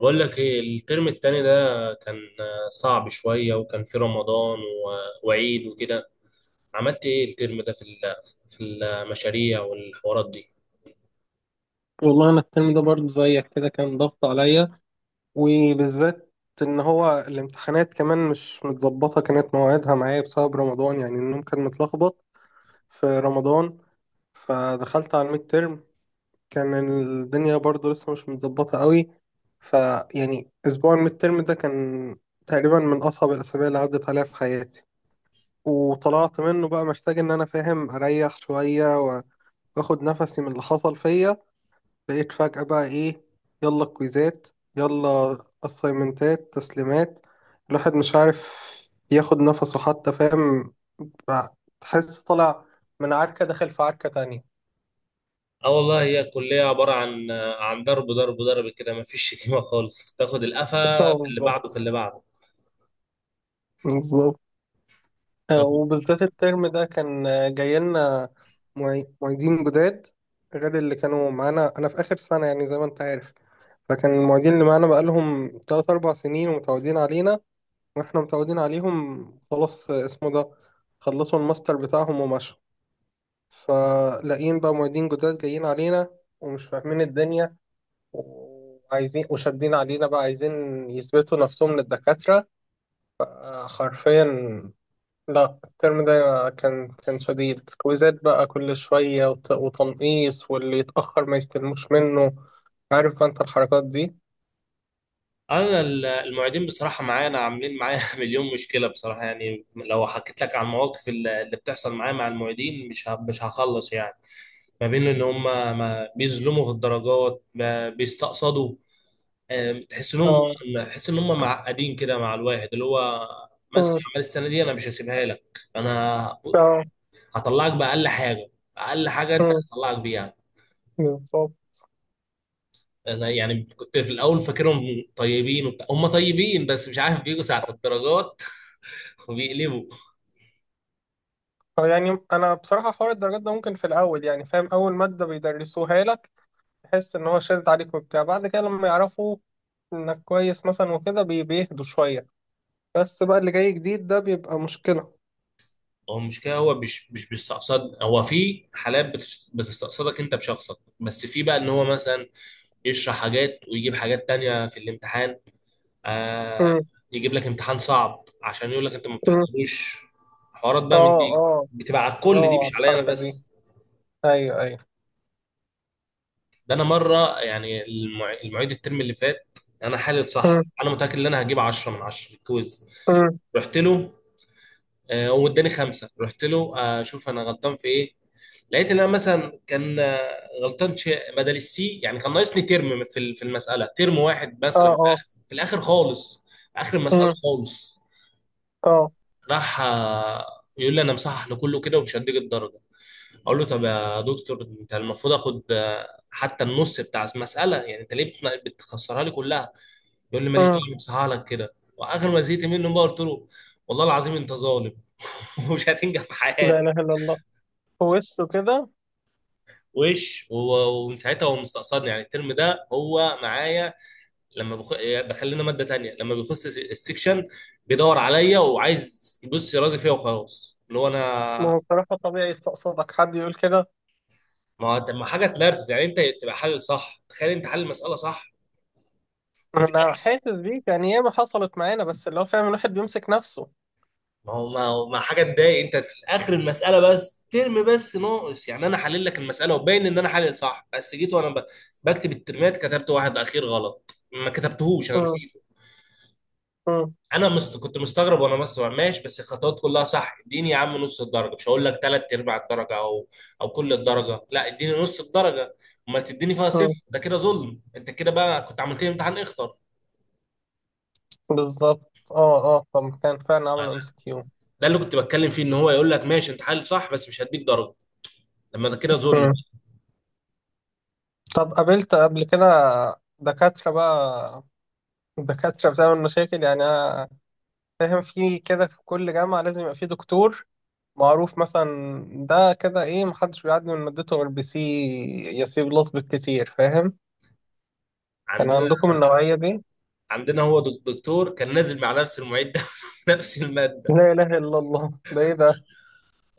بقول لك ايه الترم التاني ده كان صعب شوية، وكان في رمضان وعيد وكده. عملت ايه الترم ده في في المشاريع والحوارات دي؟ والله أنا الترم ده برضه زيك كده كان ضغط عليا. وبالذات إن هو الامتحانات كمان مش متظبطة، كانت مواعيدها معايا بسبب رمضان. يعني النوم كان متلخبط في رمضان، فدخلت على الميد ترم. كان الدنيا برضه لسه مش متظبطة قوي. فيعني أسبوع الميد ترم ده كان تقريبا من أصعب الأسابيع اللي عدت عليها في حياتي. وطلعت منه بقى محتاج إن أنا فاهم أريح شوية وآخد نفسي من اللي حصل فيا. لقيت فجأة بقى إيه، يلا كويزات، يلا أسايمنتات تسليمات. الواحد مش عارف ياخد نفسه حتى، فاهم بقى، تحس طالع من عركة داخل في عركة تانية. اه والله هي الكلية عبارة عن عن ضرب ضرب ضرب كده، مفيش شتيمة خالص، تاخد القفا اه، في اللي بعده في بالظبط اللي بعده. بالظبط. طب وبالذات الترم ده كان جاي لنا معيدين جداد، غير اللي كانوا معانا أنا في آخر سنة يعني زي ما أنت عارف. فكان المعيدين اللي معانا بقالهم تلات أربع سنين ومتعودين علينا، واحنا متعودين عليهم. خلاص اسمه ده، خلصوا الماستر بتاعهم ومشوا. فلاقيين بقى معيدين جداد جايين علينا ومش فاهمين الدنيا، وعايزين وشادين علينا بقى، عايزين يثبتوا نفسهم للدكاترة. حرفيا. لا الترم ده كان شديد، كويزات بقى كل شوية، وتنقيص، واللي يتأخر ما يستلموش منه. عارف بقى انت الحركات دي. انا المعيدين بصراحة معانا عاملين معايا مليون مشكلة بصراحة. يعني لو حكيت لك عن المواقف اللي بتحصل معايا مع المعيدين، مش هخلص يعني. ما بين ان هم ما بيظلموا في الدرجات، ما بيستقصدوا، آه، تحس انهم اه، تحس ان هم معقدين كده مع الواحد، اللي هو مثلا آه، عمال السنه دي انا مش هسيبها لك، انا آه، هطلعك باقل حاجه، اقل حاجه انت آه، هطلعك بيها. بالظبط. انا يعني كنت في الاول فاكرهم طيبين وبتاع، هم طيبين بس مش عارف بيجوا ساعه الدرجات وبيقلبوا. أو يعني انا بصراحه حوار الدرجات ده ممكن في الاول يعني فاهم، اول ماده بيدرسوها لك تحس ان هو شادد عليك وبتاع. بعد كده لما يعرفوا انك كويس مثلا وكده بيهدوا شويه. بس بقى اللي جاي جديد ده بيبقى مشكله. هو مش كده، هو مش بيستقصد، هو في حالات بتستقصدك انت بشخصك، بس في بقى ان هو مثلا يشرح حاجات ويجيب حاجات تانية في الامتحان، آه م- يجيب لك امتحان صعب عشان يقول لك انت ما م. بتحضروش. حوارات بقى من اه دي اه. بتبقى على الكل، دي اه مش عليا انا الحركه دي. بس. ايوه ايوه. ده انا مره يعني المعيد الترم اللي فات، انا حالل م- صح، انا متاكد ان انا هجيب 10 من 10 في الكويز. م. رحت له، واداني خمسه، رحت له، شوف انا غلطان في ايه. لقيت ان انا مثلا كان غلطان شيء بدل السي، يعني كان ناقصني ترم في في المساله، ترم واحد اه مثلا في اه. الاخر، في الاخر خالص، في اخر المساله م- خالص. اه. راح يقول لي انا مصحح لكله كده ومش هديك الدرجه. اقول له طب يا دكتور، انت المفروض اخد حتى النص بتاع المساله، يعني انت ليه بتخسرها لي كلها؟ يقول لي ماليش م. دعوه، أنا مصحح لك كده. واخر ما زهقت منه بقى قلت له والله العظيم انت ظالم ومش هتنجح في حياتك. لا اله الا الله، وشه كده. وش و- ومن ساعتها هو مستقصدني، يعني الترم ده هو معايا، لما بخ... دخلنا ماده تانية، لما بيخش السكشن بيدور عليا وعايز يبص يرازي فيا وخلاص. اللي هو ما انا، هو بصراحه طبيعي يستقصدك حد يقول كده. ما هو- طب ما حاجه تنرفز، يعني انت تبقى حل صح، تخيل انت حل المساله صح وفي انا الاخر… حاسس بيك يعني، ياما حصلت معانا، بس اللي هو فاهم، الواحد بيمسك نفسه. ما هو ما حاجه تضايق؟ انت في الاخر المساله بس ترم بس ناقص، يعني انا حلل لك المساله وباين ان انا حلل صح، بس جيت وانا بكتب الترمات كتبت واحد اخير غلط، ما كتبتهوش، انا م- نسيت. م. كنت مستغرب وانا بسمع ماشي، بس الخطوات كلها صح. اديني يا عم نص الدرجه، مش هقول لك ثلاث ارباع الدرجه او او كل الدرجه، لا اديني نص الدرجه. امال تديني فيها مم. صفر؟ ده كده ظلم. انت كده بقى كنت عملت لي امتحان اخطر. بالظبط، اه اه. طب كان فعلا عملوا MCQ؟ ده اللي كنت بتكلم فيه، ان هو يقول لك ماشي انت حل صح بس مش هديك درجه، لما ده كده ظلم. طب قابلت قبل كده دكاترة بقى، دكاترة بتعمل مشاكل؟ يعني أنا فاهم في كده، في كل جامعة لازم يبقى في دكتور معروف مثلا. ده كده ايه، محدش بيعدي من مادته غير BC، يا C+ بالكتير، فاهم. كان عندنا، عندكم النوعية دي؟ هو دكتور كان نازل مع نفس المعيد ده في نفس الماده. لا إله إلا الله، ده ايه ده.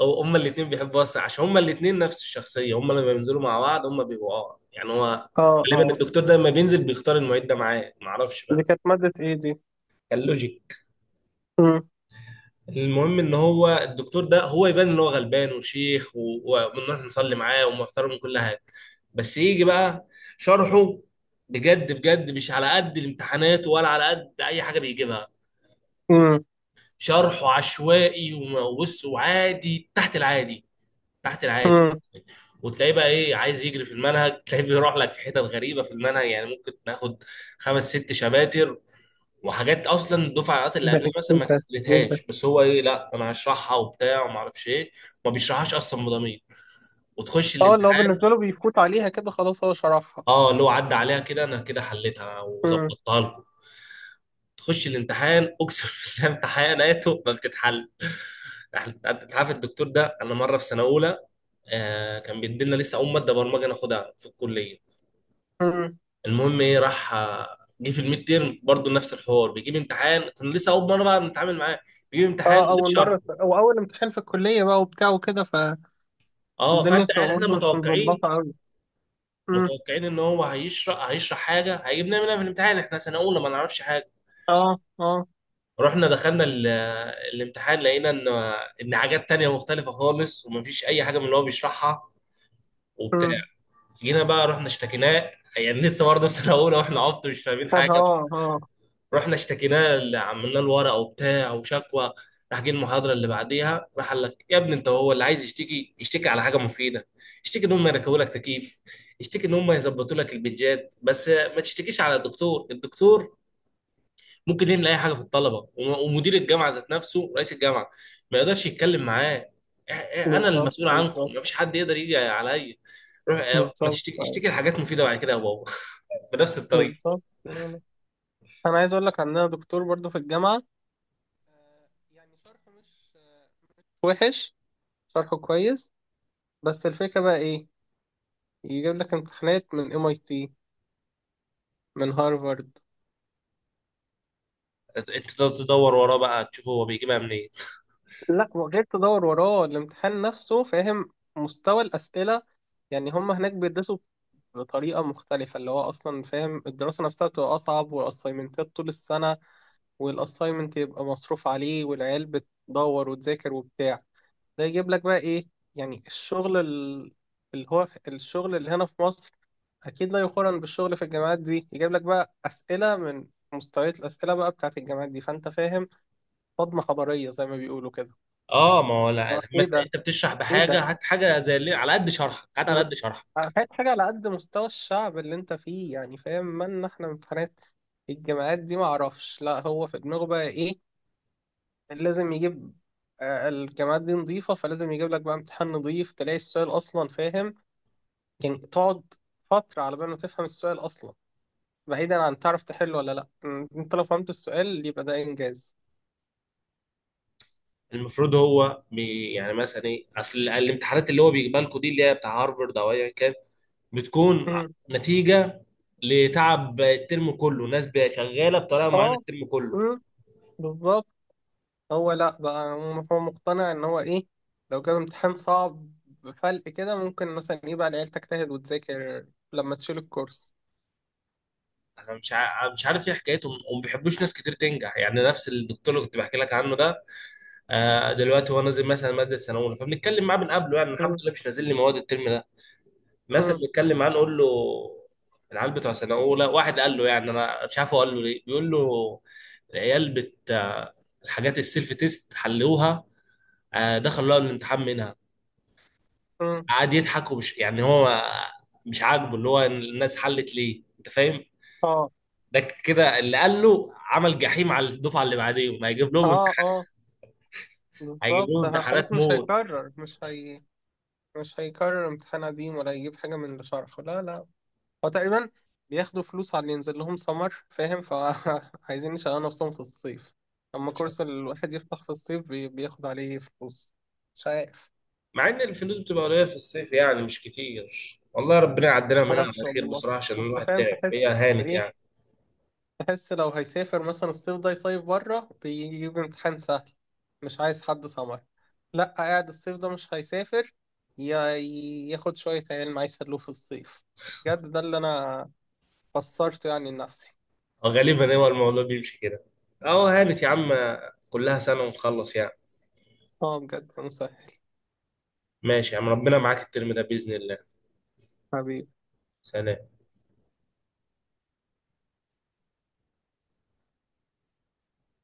أو هما الاتنين بيحبوا واسع عشان هما الاتنين نفس الشخصية، هما لما بينزلوا مع بعض هما بيبقوا اه. يعني هو اه غالبا اه. الدكتور ده لما بينزل بيختار المعيد ده معاه، معرفش دي بقى. كانت مادة ايه دي؟ كان لوجيك. مم. المهم ان هو الدكتور ده هو يبان ان هو غلبان وشيخ، وبنروح نصلي معاه ومحترم وكل حاجة، بس يجي بقى شرحه بجد بجد مش على قد الامتحانات ولا على قد اي حاجة بيجيبها. مم. شرحه عشوائي، وبص وعادي، تحت العادي، تحت العادي. مم. وتلاقيه بقى ايه، عايز يجري في المنهج، تلاقيه بيروح لك في حتت غريبه في المنهج، يعني ممكن ناخد خمس ست شباتر وحاجات اصلا الدفعات اللي ده قبلها مثلا ايه ما ده، إيه ده؟ اتعلمتهاش. بس هو ايه، لا انا هشرحها وبتاع وما اعرفش ايه، ما بيشرحهاش اصلا بضمير. وتخش اه، اللي هو الامتحان، بالنسبة له بيفوت عليها كده، خلاص هو شرحها. اه اللي هو عدى عليها كده، انا كده حليتها مم. وظبطتها لكم. تخش الامتحان اقسم بالله امتحاناته ما بتتحل. انت عارف الدكتور ده، انا مره في سنه اولى، كان بيدينا لسه اول ماده برمجه ناخدها في الكليه. مم. المهم ايه، راح جه في الميد تيرم برضه نفس الحوار، بيجيب امتحان، كنا لسه اول مره بقى نتعامل معاه، بيجيب امتحان اه، غير شرحه. أول امتحان في الكلية بقى وبتاع وكده، اه فالدنيا فانت، بتبقى احنا برضه مش متوقعين، متظبطة أوي. مم. ان هو هيشرح حاجه هيجيبنا منها في الامتحان، احنا سنه اولى ما نعرفش حاجه. اه اه. رحنا دخلنا الامتحان، لقينا ان ان حاجات تانية مختلفه خالص، ومفيش اي حاجه من اللي هو بيشرحها وبتاع. مم. جينا بقى رحنا اشتكيناه، يعني لسه برضه في سنه اولى واحنا عبط مش فاهمين حاجه. اه اه، رحنا اشتكيناه اللي عملنا له ورقه وبتاع وشكوى، راح جه المحاضره اللي بعديها راح قال لك يا ابني انت هو اللي عايز يشتكي، يشتكي على حاجه مفيده. اشتكي ان هم يركبوا لك تكييف، اشتكي ان هم يظبطوا لك البيتجات، بس ما تشتكيش على الدكتور. الدكتور ممكن يعمل اي حاجه في الطلبه، ومدير الجامعه ذات نفسه، رئيس الجامعه ما يقدرش يتكلم معاه. اه، انا بالظبط المسؤول عنكم، بالظبط. ما فيش حد يقدر يجي عليا. روح ما بالظبط تشتكي، أيوة. اشتكي لحاجات مفيده بعد كده يا بابا. بنفس الطريقه. بالظبط. أنا عايز أقول لك عندنا دكتور برضه في الجامعة، آه، يعني شرحه مش وحش، شرحه كويس. بس الفكرة بقى ايه، يجيب لك امتحانات من MIT، من هارفارد. انت تدور وراه بقى تشوف هو بيجيبها منين. لا، وغير تدور وراه، الامتحان نفسه فاهم، مستوى الأسئلة. يعني هم هناك بيدرسوا بطريقة مختلفة، اللي هو أصلا فاهم الدراسة نفسها بتبقى أصعب، والأسايمنتات طول السنة، والأسايمنت يبقى مصروف عليه، والعيال بتدور وتذاكر وبتاع. ده يجيب لك بقى إيه، يعني الشغل اللي هو الشغل اللي هنا في مصر أكيد لا يقارن بالشغل في الجامعات دي. يجيب لك بقى أسئلة من مستويات الأسئلة بقى بتاعت الجامعات دي، فأنت فاهم، صدمة حضارية زي ما بيقولوا كده. اه ما هو لا، لما إيه انت ده، بتشرح ايه ده، بحاجه هات حاجه زي اللي على قد شرحك، هات على قد شرحك. حاجات حاجة على قد مستوى الشعب اللي انت فيه، يعني فاهم، مالنا احنا من امتحانات الجامعات دي. معرفش، لا هو في دماغه بقى ايه، لازم يجيب الجامعات دي نظيفة فلازم يجيب لك بقى امتحان نظيف. تلاقي السؤال أصلا فاهم، يعني تقعد فترة على بال ما تفهم السؤال أصلا، بعيدا عن تعرف تحله ولا لأ. انت لو فهمت السؤال يبقى ده إنجاز. المفروض هو بي يعني مثلا ايه، اصل الامتحانات اللي هو بيجيبها لكم دي اللي هي بتاع هارفرد او ايا كان بتكون م. نتيجه لتعب الترم كله، ناس شغاله بطريقه معينه اه. الترم كله. م، بالظبط. هو لا بقى، هو مقتنع ان هو ايه، لو جاب امتحان صعب بفلق كده ممكن مثلا ايه بقى العيال تجتهد وتذاكر لما تشيل الكورس. انا مش عارف ايه حكايتهم وما بيحبوش ناس كتير تنجح. يعني نفس الدكتور اللي كنت بحكي لك عنه ده، دلوقتي هو نازل مثلا ماده سنه اولى، فبنتكلم معاه من قبله، يعني الحمد مم. لله مش نازل لي مواد الترم ده. مثلا مم. بيتكلم معاه نقول له العيال بتوع سنه اولى، واحد قال له، يعني انا مش عارف هو قال له ليه، بيقول له العيال بت الحاجات السيلف تيست حلوها، دخلوا لقوا الامتحان منها. مم. قعد يضحك، ومش يعني هو مش عاجبه اللي هو الناس حلت ليه، انت فاهم؟ اه ده كده اللي قال له عمل جحيم على الدفعه اللي بعديهم، هيجيب لهم اه امتحان، اه، هيجيب لهم بالظبط. خلاص امتحانات مش موت. هيكرر، مش هيكرر امتحان قديم ولا يجيب حاجة من اللي شرحه. لا لا، هو تقريبا بياخدوا فلوس على اللي ينزل لهم سمر فاهم، فعايزين يشغلوا نفسهم في الصيف. اما كورس الواحد يفتح في الصيف بياخد عليه فلوس. مش عارف. مع ان الفلوس بتبقى قليله في الصيف يعني مش كتير. والله ربنا يعدينا منها على معرفش خير والله. بصراحه، عشان بس الواحد فاهم تعب، هي تحس هانت ايه، يعني. تحس لو هيسافر مثلا الصيف ده يصيف بره بيجيب امتحان سهل، مش عايز حد سمر. لا قاعد الصيف ده مش هيسافر، يا- ياخد شوية علم يسلوه في الصيف. بجد ده اللي انا فسرته يعني لنفسي. غالبا هو الموضوع بيمشي كده. اهو هانت يا عم، كلها سنة ونخلص يعني. اه بجد، مسهل. ماشي يا عم، ربنا معاك الترم ده بإذن الله. حبيبي. سلام.